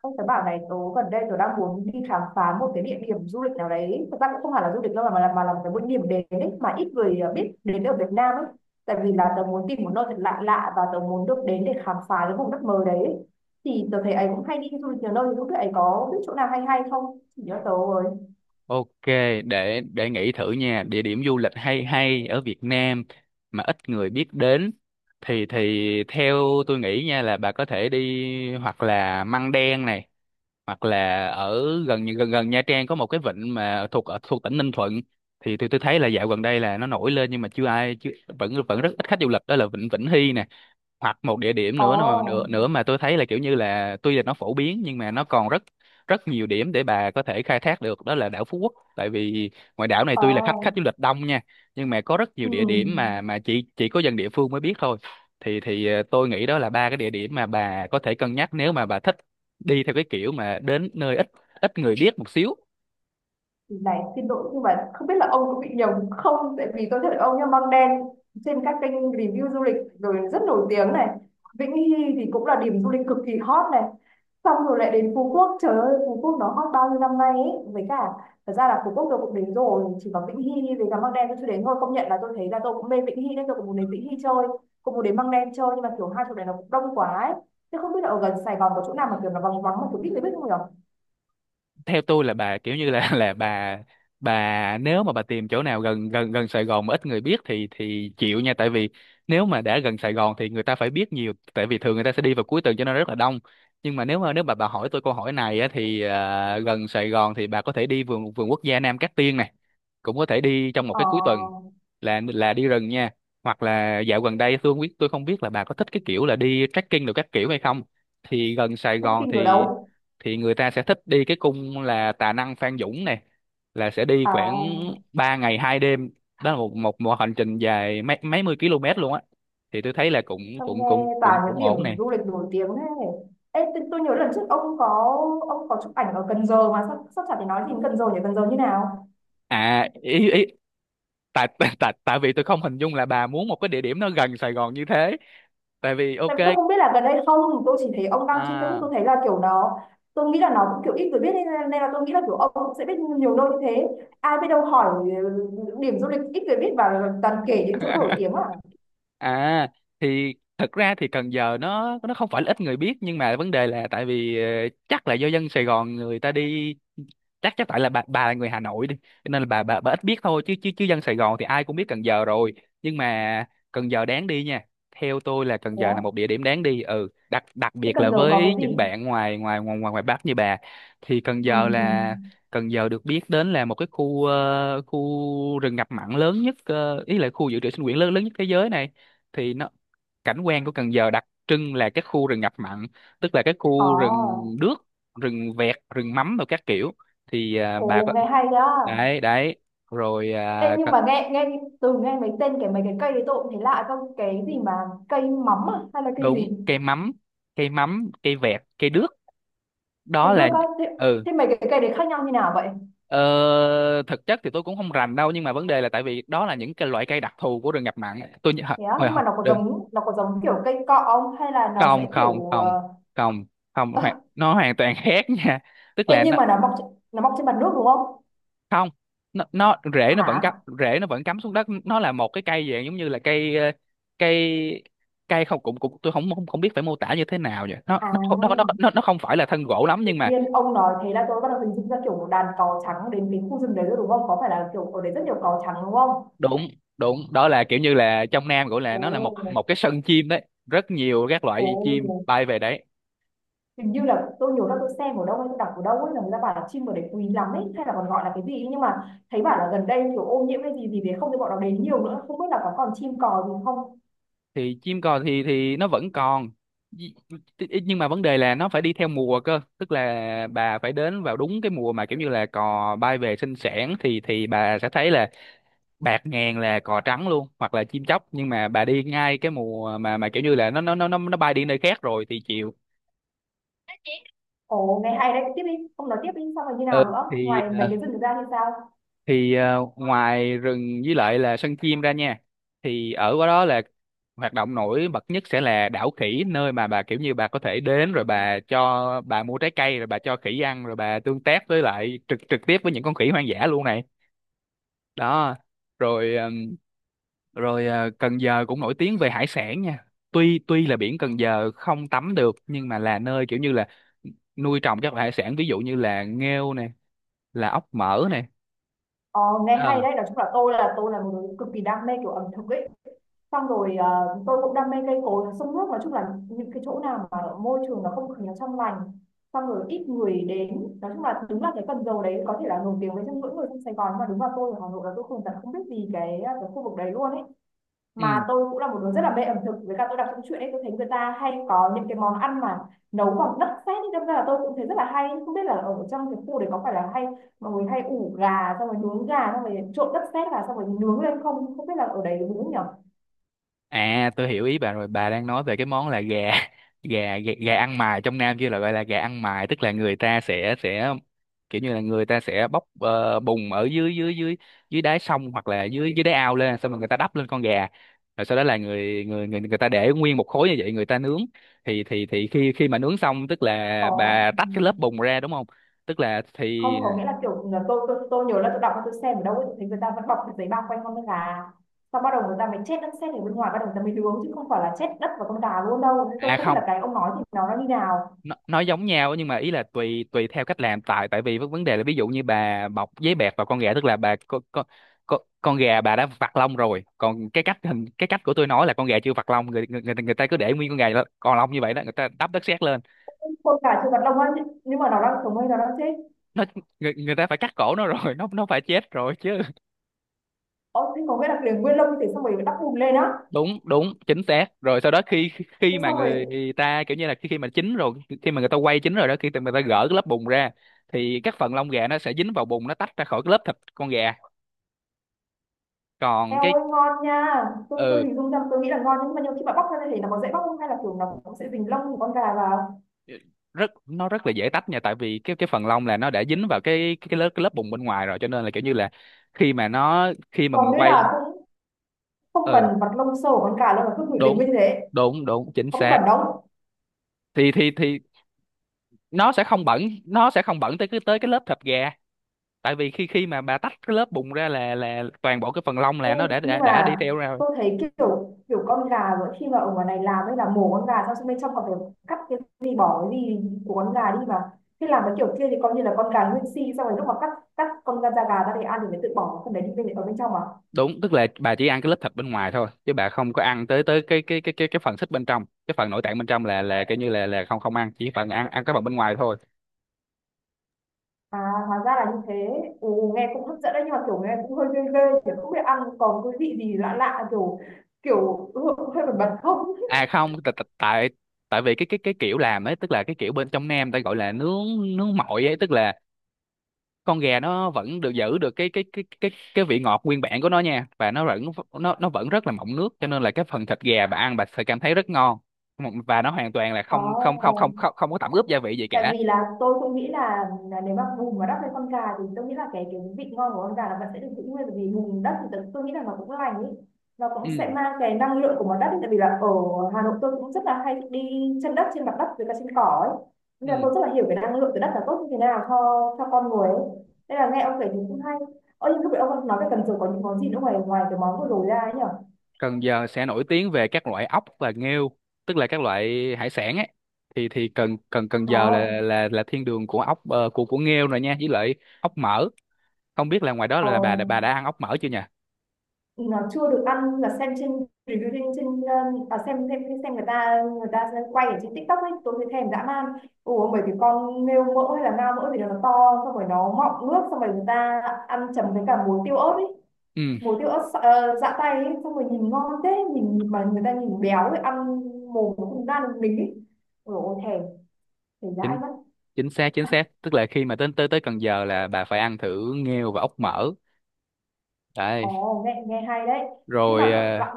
Ông tớ bảo này, tớ gần đây tớ đang muốn đi khám phá một cái địa điểm du lịch nào đấy. Thực ra cũng không hẳn là du lịch đâu mà là, một cái một điểm đến ấy, mà ít người biết đến ở Việt Nam ấy. Tại vì là tớ muốn tìm một nơi thật lạ lạ và tớ muốn được đến để khám phá cái vùng đất mới đấy. Thì tớ thấy ấy cũng hay đi du lịch nhiều nơi, thì lúc ấy có biết chỗ nào hay hay không? Chỉ cho tớ rồi. Ok, để nghĩ thử nha, địa điểm du lịch hay hay ở Việt Nam mà ít người biết đến thì theo tôi nghĩ nha, là bà có thể đi hoặc là Măng Đen này, hoặc là ở gần gần gần Nha Trang có một cái vịnh mà thuộc ở thuộc tỉnh Ninh Thuận. Thì tôi thấy là dạo gần đây là nó nổi lên, nhưng mà chưa ai chưa vẫn vẫn rất ít khách du lịch, đó là vịnh Vĩnh Hy nè. Hoặc một địa điểm Ồ. nữa mà nữa mà tôi thấy là kiểu như là tuy là nó phổ biến nhưng mà nó còn rất rất nhiều điểm để bà có thể khai thác được, đó là đảo Phú Quốc. Tại vì ngoài đảo này tuy là khách khách Ồ. du lịch đông nha, nhưng mà có rất nhiều Ừ. địa điểm mà chỉ có dân địa phương mới biết thôi. Thì tôi nghĩ đó là ba cái địa điểm mà bà có thể cân nhắc, nếu mà bà thích đi theo cái kiểu mà đến nơi ít ít người biết một xíu. Này, xin lỗi nhưng mà không biết là ông có bị nhầm không, tại vì tôi thấy ông nhá, Măng Đen trên các kênh review du lịch rồi, rất nổi tiếng này. Vĩnh Hy thì cũng là điểm du lịch cực kỳ hot này. Xong rồi lại đến Phú Quốc, trời ơi Phú Quốc nó hot bao nhiêu năm nay ấy. Với cả thật ra là Phú Quốc tôi cũng đến rồi, chỉ có Vĩnh Hy với cả Măng Đen tôi chưa đến thôi. Công nhận là tôi thấy là tôi cũng mê Vĩnh Hy nên tôi cũng muốn đến Vĩnh Hy chơi, cũng muốn đến Măng Đen chơi, nhưng mà kiểu hai chỗ này nó cũng đông quá ấy. Thế không biết là ở gần Sài Gòn có chỗ nào mà kiểu nó vắng vắng mà tôi biết, người biết không nhỉ? Theo tôi là bà kiểu như là là bà nếu mà bà tìm chỗ nào gần gần gần Sài Gòn mà ít người biết thì chịu nha, tại vì nếu mà đã gần Sài Gòn thì người ta phải biết nhiều, tại vì thường người ta sẽ đi vào cuối tuần cho nên rất là đông. Nhưng mà nếu mà bà hỏi tôi câu hỏi này á thì gần Sài Gòn thì bà có thể đi vườn vườn quốc gia Nam Cát Tiên này, cũng có thể đi trong một ờ, cái cuối tuần, là đi rừng nha. Hoặc là dạo gần đây tôi không biết, là bà có thích cái kiểu là đi trekking được các kiểu hay không. Thì gần Sài Gòn Trekking ở thì đâu? thì người ta sẽ thích đi cái cung là Tà Năng Phan Dũng này, là sẽ đi À, khoảng 3 ngày 2 đêm. Đó là một một một hành trình dài mấy mấy mươi km luôn á. Thì tôi thấy là cũng ông cũng cũng nghe cũng toàn những cũng điểm ổn nè. du lịch nổi tiếng thế. Ê, tôi nhớ lần trước ông có, ông có chụp ảnh ở Cần Giờ mà sắp sắp chả, thì nói gì đến Cần Giờ nhỉ? Cần Giờ như nào? À ý ý tại tại tại tại vì tôi không hình dung là bà muốn một cái địa điểm nó gần Sài Gòn như thế. Tại vì ok. Tại vì tôi không biết là gần đây không, tôi chỉ thấy ông đăng trên Facebook, à tôi thấy là kiểu nó, tôi nghĩ là nó cũng kiểu ít người biết nên, nên là tôi nghĩ là kiểu ông cũng sẽ biết nhiều nơi như thế. Ai biết đâu hỏi điểm du lịch ít người biết và toàn kể những chỗ nổi tiếng à? à thì thật ra thì Cần Giờ nó không phải là ít người biết, nhưng mà vấn đề là tại vì chắc là do dân Sài Gòn người ta đi. Chắc chắc tại là bà là người Hà Nội đi cho nên là bà ít biết thôi, chứ chứ chứ dân Sài Gòn thì ai cũng biết Cần Giờ rồi. Nhưng mà Cần Giờ đáng đi nha, theo tôi là Cần Thế Giờ là một á? địa điểm đáng đi, ừ, đặc đặc Thế biệt là Cần Giờ có cái với những gì? bạn ngoài ngoài ngoài ngoài ngoài Bắc như bà. Thì Cần Ừ. Giờ Ừ. là Cần Giờ được biết đến là một cái khu rừng ngập mặn lớn nhất, ý là khu dự trữ sinh quyển lớn lớn nhất thế giới này. Thì nó Cảnh quan của Cần Giờ đặc trưng là cái khu rừng ngập mặn, tức là cái Ồ. khu rừng đước, rừng vẹt, rừng mắm rồi các kiểu. Bà có Ồ, nghe hay đó. đấy đấy rồi Ê, à, nhưng có- mà nghe nghe từ, nghe mấy tên, mấy cái cây đấy tôi cũng thấy lạ, không cái gì mà cây mắm à? Hay là cây đúng, gì? cây mắm cây vẹt cây đước, Cây đó đua là. có thế, ừ thế mấy cái cây đấy khác nhau như nào vậy? ờ, Thực chất thì tôi cũng không rành đâu, nhưng mà vấn đề là tại vì đó là những cái loại cây đặc thù của rừng ngập mặn. Thế á, Hồi nhưng hồi mà nó có đừng giống, nó có giống kiểu cây cọ không hay là nó Không, sẽ không, kiểu không, không, không, nó hoàn toàn khác nha. Tức Ê, là nhưng mà nó mọc trên mặt nước đúng không? không, nó rễ nó vẫn cắm, Hả? Xuống đất. Nó là một cái cây dạng giống như là cây, cây cây không cũng cũng tôi không không, không biết phải mô tả như thế nào vậy. Nó À, không phải là thân gỗ lắm, tự nhưng mà nhiên ông nói thế là tôi bắt đầu hình dung ra kiểu một đàn cò trắng đến cái khu rừng đấy rồi đúng không? Có phải là kiểu ở đấy rất nhiều cò trắng đúng không? đụng đụng đó là kiểu như là trong Nam gọi là, Ồ. nó là một một cái sân chim đấy, rất nhiều các Ồ. loại chim bay về đấy. Hình như là tôi nhiều năm, tôi xem ở đâu hay tôi đọc ở đâu ấy, là người ta bảo là chim ở đấy quý lắm ấy, hay là còn gọi là cái gì ấy. Nhưng mà thấy bảo là gần đây kiểu ô nhiễm cái gì gì đấy, không thì bọn nó đến nhiều nữa, không biết là có còn chim cò gì không. Thì chim cò thì nó vẫn còn, Nhi- nhưng mà vấn đề là nó phải đi theo mùa cơ, tức là bà phải đến vào đúng cái mùa mà kiểu như là cò bay về sinh sản thì bà sẽ thấy là bạc ngàn là cò trắng luôn, hoặc là chim chóc. Nhưng mà bà đi ngay cái mùa mà kiểu như là nó bay đi nơi khác rồi thì chịu. Ồ, nghe hay đấy, tiếp đi, không nói tiếp đi, xong rồi như Ừ, nào nữa thì ngoài mấy ờ, cái rừng ra thì sao? thì ngoài rừng với lại là sân chim ra nha, thì ở qua đó là hoạt động nổi bật nhất sẽ là đảo khỉ, nơi mà bà kiểu như bà có thể đến rồi bà, cho bà mua trái cây rồi bà cho khỉ ăn, rồi bà tương tác với lại trực trực tiếp với những con khỉ hoang dã luôn này. Đó, rồi. Cần Giờ cũng nổi tiếng về hải sản nha. Tuy tuy là biển Cần Giờ không tắm được, nhưng mà là nơi kiểu như là nuôi trồng các loại hải sản, ví dụ như là nghêu nè, là ốc mỡ nè. Ồ, nghe hay à. đấy. Nói chung là tôi là, tôi là một người cực kỳ đam mê kiểu ẩm thực ấy. Xong rồi tôi cũng đam mê cây cối sông nước, nói chung là những cái chỗ nào mà môi trường nó, không khí nó trong lành, xong rồi ít người đến. Nói chung là đúng là cái Cần Giờ đấy có thể là nổi tiếng với, trong mỗi người trong Sài Gòn, nhưng mà đúng là tôi ở Hà Nội là tôi không, thật không biết gì cái cái khu vực đấy luôn ấy. Mà tôi cũng là một đứa rất là mê ẩm thực, với cả tôi đọc trong truyện ấy, tôi thấy người ta hay có những cái món ăn mà nấu bằng đất sét ấy, đâm ra là tôi cũng thấy rất là hay. Không biết là ở trong cái khu đấy có phải là hay mọi người hay ủ gà xong rồi nướng gà, xong rồi trộn đất sét vào xong rồi nướng lên không, không biết là ở đấy nướng nhỉ? À, tôi hiểu ý bà rồi. Bà đang nói về cái món là gà, Gà gà, gà ăn mài. Trong Nam kia là gọi là gà ăn mài. Tức là người ta sẽ kiểu như là người ta sẽ bóc bùn ở dưới dưới dưới dưới đáy sông, hoặc là dưới dưới đáy ao lên, xong rồi người ta đắp lên con gà, rồi sau đó là người người người người ta để nguyên một khối như vậy người ta nướng. Thì khi khi mà nướng xong tức là Có. bà tách cái lớp Ừm. bùn ra, đúng không? Tức là Không, thì, có nghĩa là kiểu là tôi tôi nhớ là tôi đọc, tôi xem ở đâu ấy, tôi thấy người ta vẫn bọc cái giấy bao quanh con gà, xong bắt đầu người ta mới chết đất sét ở bên ngoài, bắt đầu người ta mới nướng, chứ không phải là chết đất và con gà luôn đâu, nên à tôi không biết không, là cái ông nói thì nó như nào. nó, nó giống nhau, nhưng mà ý là tùy tùy theo cách làm. Tại tại vì vấn vấn đề là, ví dụ như bà bọc giấy bẹt vào con gà, tức là bà, con gà bà đã vặt lông rồi. Còn cái cách, hình cái cách của tôi nói là con gà chưa vặt lông, người ta cứ để nguyên con gà đó, còn lông như vậy đó, người ta đắp đất sét lên Con gà chưa bật lông á, nhưng mà nó đang sống hay nó đang chết? nó. Người ta phải cắt cổ nó rồi nó phải chết rồi chứ. Ồ, thế có nghĩa là liền nguyên lông thì xong rồi đắp bùn lên á? Đúng, đúng chính xác. Rồi sau đó khi, khi Thế mà xong rồi người ta kiểu như là, khi khi mà chín rồi, khi mà người ta quay chín rồi đó, khi mà người ta gỡ cái lớp bùn ra thì các phần lông gà nó sẽ dính vào bùn, nó tách ra khỏi cái lớp thịt con gà. Còn eo cái, ơi ngon nha. Tôi ừ, hình dung ra, tôi nghĩ là ngon, nhưng mà nhiều khi mà bóc ra thì nó có dễ bóc không, hay là kiểu nó cũng sẽ dính lông của con gà vào? rất, nó rất là dễ tách nha, tại vì cái phần lông là nó đã dính vào cái lớp bùn bên ngoài rồi, cho nên là kiểu như là, khi mà Còn mình nghĩa quay. là cũng không Ừ, cần vặt lông sâu của con gà đâu mà cứ để đúng nguyên như thế? đúng đúng chính Có bị xác. bẩn không? Thì nó sẽ không bẩn, nó sẽ không bẩn tới cái, tới cái lớp thịt gà, tại vì khi khi mà bà tách cái lớp bùn ra là toàn bộ cái phần lông Ê, là nó đã nhưng đã đã đi mà theo ra rồi. tôi thấy kiểu kiểu con gà, rồi khi mà ở ngoài này làm ấy, là mổ con gà xong, xong bên trong còn phải cắt cái gì, bỏ cái gì của con gà đi mà. Thế làm cái kiểu kia thì coi như là con gà nguyên si, xong rồi lúc mà cắt, cắt con da, da gà ra để ăn thì mới tự bỏ phần đấy đi bên, ở bên trong à? Đúng, tức là bà chỉ ăn cái lớp thịt bên ngoài thôi, chứ bà không có ăn tới tới cái phần xích bên trong, cái phần nội tạng bên trong là kiểu như là không không ăn, chỉ phần ăn ăn cái phần bên ngoài thôi. À, hóa ra là như thế. Ồ, nghe cũng hấp dẫn đấy, nhưng mà kiểu nghe cũng hơi ghê ghê, chứ không biết ăn còn cái vị gì lạ lạ, kiểu kiểu hơi, hơi bẩn bẩn không. À không, tại tại tại tại vì cái kiểu làm ấy, tức là cái kiểu bên trong Nam ta gọi là nướng, nướng mọi ấy, tức là con gà nó vẫn được giữ được cái vị ngọt nguyên bản của nó nha, và nó vẫn rất là mọng nước, cho nên là cái phần thịt gà bà ăn bà sẽ cảm thấy rất ngon, và nó hoàn toàn là Ồ, không không không không không không có tẩm ướp gia vị gì tại cả. vì là tôi cũng nghĩ là nếu mà bùn mà đắp lên con gà thì tôi nghĩ là cái vị ngon của con gà là vẫn sẽ được giữ nguyên, bởi vì bùn đất thì tôi nghĩ là nó cũng lành ý, nó cũng Ừ, sẽ mang cái năng lượng của món đất ý. Tại vì là ở Hà Nội tôi cũng rất là hay đi chân đất trên mặt đất với cả trên cỏ ấy, nên ừ. là tôi rất là hiểu cái năng lượng từ đất là tốt như thế nào cho con người ấy, nên là nghe ông kể thì cũng hay. Ơ, nhưng lúc nãy ông nói về Cần Giờ có những món gì nữa, ngoài ngoài cái món vừa rồi ra ấy nhở? Cần Giờ sẽ nổi tiếng về các loại ốc và nghêu, tức là các loại hải sản ấy. Thì Cần Cần Cần Ờ. Giờ là thiên đường của ốc, ờ, của nghêu rồi nha, với lại ốc mỡ. Không biết là ngoài đó Ờ, là bà đã ăn ốc mỡ chưa nhỉ? nó chưa được ăn, là xem trên review, trên trên à, xem người ta quay ở trên TikTok ấy, tôi thấy thèm dã man. Ủa, bởi vì con nghêu mỡ hay là ngao mỡ thì nó to, xong rồi nó mọng nước, xong rồi người ta ăn chấm với cả muối tiêu ớt ấy, Ừ, muối tiêu ớt dã tay ấy, xong rồi nhìn ngon thế, nhìn mà người ta nhìn béo ấy, ăn mồm nó không ra được mình ấy. Ủa thèm, thèm dã chính mất. chính xác chính xác tức là khi mà tới tới tới Cần Giờ là bà phải ăn thử nghêu và ốc mỡ, đấy. Ồ, nghe nghe hay đấy, nhưng mà rồi bạn ờ, bạn-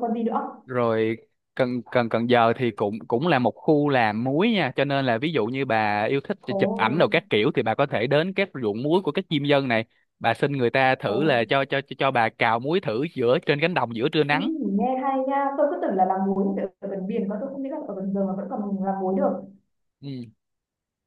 còn gì nữa? Rồi, Cần Cần Cần Giờ thì cũng cũng là một khu làm muối nha, cho nên là ví dụ như bà yêu thích Ồ. chụp ảnh đồ các kiểu thì bà có thể đến các ruộng muối của các diêm dân này. Bà xin người ta Ồ. thử là cho bà cào muối thử giữa trên cánh đồng giữa trưa Ừ, nắng. nghe hay nha, tôi cứ tưởng là làm muối ở, ở gần biển, còn tôi không nghĩ là ở gần giờ mà vẫn còn làm muối được. Ừ.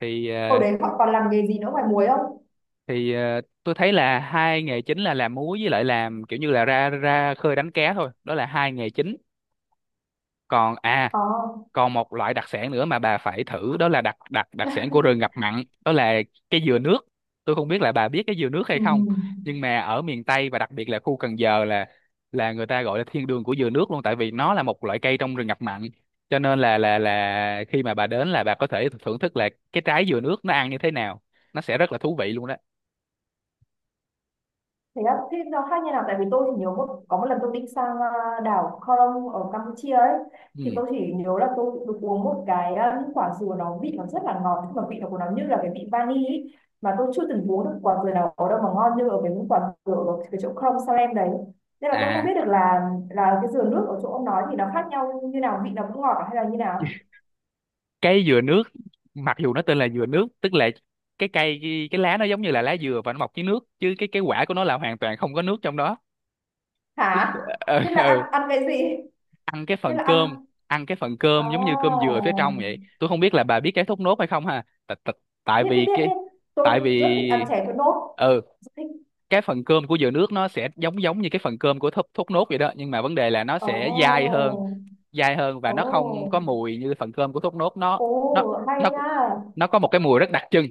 thì Hồi ờ, đấy họ còn làm nghề gì nữa ngoài muối không? thì tôi thấy là hai nghề chính là làm múa với lại làm kiểu như là ra ra khơi đánh cá thôi, đó là hai nghề chính. Còn à, Ờ. còn một loại đặc sản nữa mà bà phải thử, đó là đặc đặc đặc sản của rừng ngập mặn, đó là cái dừa nước. Tôi không biết là bà biết cái dừa nước hay ừ. không, nhưng mà ở miền Tây và đặc biệt là khu Cần Giờ là người ta gọi là thiên đường của dừa nước luôn, tại vì nó là một loại cây trong rừng ngập mặn, cho nên là khi mà bà đến là bà có thể thưởng thức là cái trái dừa nước nó ăn như thế nào. Nó sẽ rất là thú vị luôn đó. Thế á, thế nó khác như nào? Tại vì tôi chỉ nhớ một, có một lần tôi đi sang à, đảo Koh Rong ở Campuchia ấy, Ừ. thì tôi chỉ nhớ là tôi được uống một cái à, những quả dừa nó vị nó rất là ngọt, nhưng mà vị nó của nó như là cái vị vani ấy. Mà tôi chưa từng uống được quả dừa nào ở đâu mà ngon như ở cái những quả dừa ở cái chỗ Koh Rong Salem đấy, nên là tôi không À, biết được là cái dừa nước ở chỗ ông nói thì nó khác nhau như nào, vị nó cũng ngọt à hay là như nào? cái dừa nước, mặc dù nó tên là dừa nước, tức là cái cây cái lá nó giống như là lá dừa và nó mọc dưới nước, chứ cái quả của nó là hoàn toàn không có nước trong đó. Tức- Hả? ờ, Thế là ờ, ăn, ăn cái gì? ăn cái Thế phần là ăn. cơm. Ăn cái phần À, cơm giống như cơm dừa phía trong vậy. Tôi không biết là bà biết cái thốt nốt hay không ha. Tại biết biết vì biết cái, biết. Tôi tại rất thích ăn vì chè thốt nốt, ừ rất thích. cái phần cơm của dừa nước nó sẽ giống giống như cái phần cơm của thốt nốt vậy đó, nhưng mà vấn đề là nó Ồ. sẽ dai hơn. Dai hơn và nó không có Ồ. mùi như phần cơm của thốt nốt. Nó Ồ, nó hay nó nha. nó có một cái mùi rất đặc trưng.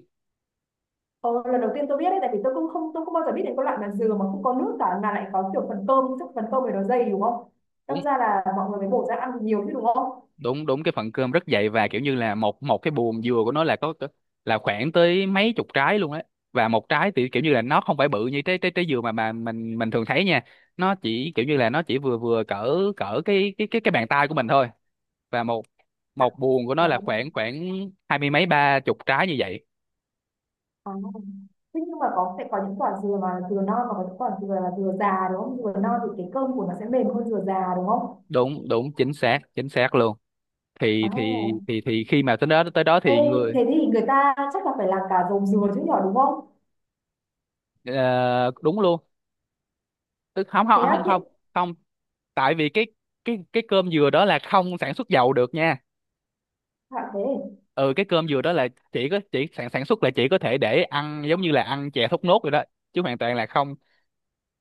Ồ, lần đầu tiên tôi biết đấy, tại vì tôi cũng không, tôi không bao giờ biết đến cái loại mà dừa mà không có nước cả, mà lại có kiểu phần cơm, chắc phần cơm này nó dày đúng không? Đâm đúng ra là mọi người mới bổ ra ăn nhiều chứ đúng không? đúng đúng, cái phần cơm rất dày và kiểu như là một một cái buồm dừa của nó là là khoảng tới mấy chục trái luôn á. Và một trái thì kiểu như là nó không phải bự như trái trái trái dừa mà mình thường thấy nha. Nó chỉ kiểu như là nó chỉ vừa vừa cỡ cỡ cái bàn tay của mình thôi. Và một À. một buồng của nó À. là khoảng khoảng hai mươi mấy ba chục trái như vậy. À. Thế nhưng mà có, sẽ có những quả dừa mà dừa non và có những quả dừa là dừa già đúng không? Dừa non thì cái cơm của nó sẽ mềm hơn dừa già đúng không? Đúng đúng chính xác, chính xác luôn. À. Thì khi mà tới đó, tới đó Ê, thì người thế thì người ta chắc là phải làm cả dầu dừa chứ nhỏ đúng không? ờ, đúng luôn. Tức không Thế không á, không thế không không, tại vì cái cái cơm dừa đó là không sản xuất dầu được nha. à, thế. Ừ, cái cơm dừa đó là chỉ có, chỉ sản sản xuất là chỉ có thể để ăn, giống như là ăn chè thốt nốt rồi đó, chứ hoàn toàn là không.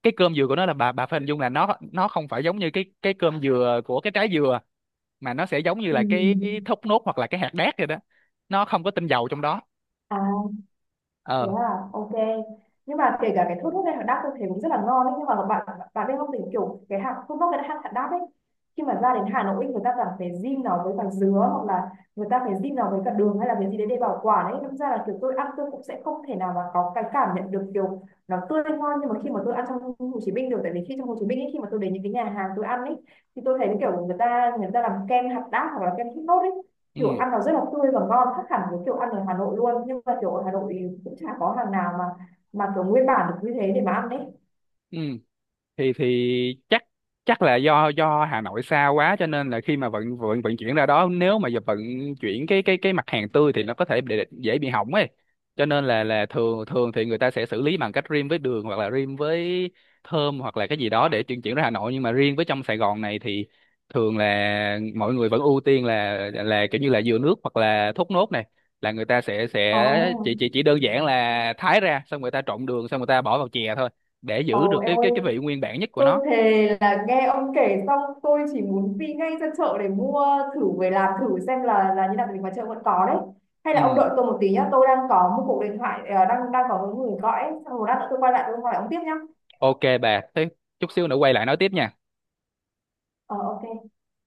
Cái cơm dừa của nó là bà phải hình dung là nó không phải giống như cái cơm dừa của cái trái dừa, mà nó sẽ giống như Ừ. là cái thốt nốt hoặc là cái hạt đác rồi đó. Nó không có tinh dầu trong đó. À, thế Ờ, à, ok. Nhưng mà kể cả cái thốt nốt hay hạt đác tôi thấy cũng rất là ngon ấy, nhưng mà bạn bạn biết không, thì kiểu cái hạt thốt nốt với hạt hạt đác ấy, khi mà ra đến Hà Nội người ta cảm phải zin nó với cả dứa, hoặc là người ta phải zin nó với cả đường, hay là cái gì đấy để bảo quản ấy, đâm ra là kiểu tôi ăn tôi cũng sẽ không thể nào mà có cái cảm nhận được kiểu nó tươi ngon, nhưng mà khi mà tôi ăn trong Hồ Chí Minh được. Tại vì khi trong Hồ Chí Minh ấy, khi mà tôi đến những cái nhà hàng tôi ăn ấy, thì tôi thấy kiểu người ta làm kem hạt đác hoặc là kem thốt nốt ấy, kiểu ừ, ăn nó rất là tươi và ngon, khác hẳn với kiểu ăn ở Hà Nội luôn. Nhưng mà kiểu ở Hà Nội thì cũng chả có hàng nào mà kiểu nguyên bản được như thế để mà ăn đấy. ừ, thì chắc, chắc là do do Hà Nội xa quá, cho nên là khi mà vận vận vận chuyển ra đó, nếu mà giờ vận chuyển cái mặt hàng tươi thì nó có thể bị, dễ bị hỏng ấy, cho nên là thường thường thì người ta sẽ xử lý bằng cách rim với đường hoặc là rim với thơm hoặc là cái gì đó để chuyển chuyển ra Hà Nội. Nhưng mà riêng với trong Sài Gòn này thì thường là mọi người vẫn ưu tiên là kiểu như là dừa nước hoặc là thốt nốt này, là người ta sẽ Ồ. chỉ đơn giản là thái ra, xong người ta trộn đường, xong người ta bỏ vào chè thôi, để giữ Ồ, được em cái cái ơi, cái vị nguyên bản nhất của tôi nó. thề là nghe ông kể xong tôi chỉ muốn đi ngay ra chợ để mua thử về làm thử xem là như nào, mình ngoài chợ vẫn có đấy. Hay là Ừ, ông đợi tôi một tí nhá, tôi đang có một cuộc điện thoại, đang, có một người gọi ấy, xong rồi lát nữa tôi quay lại tôi hỏi ông tiếp nhá. ok bà, thế chút xíu nữa quay lại nói tiếp nha. Ờ, ok.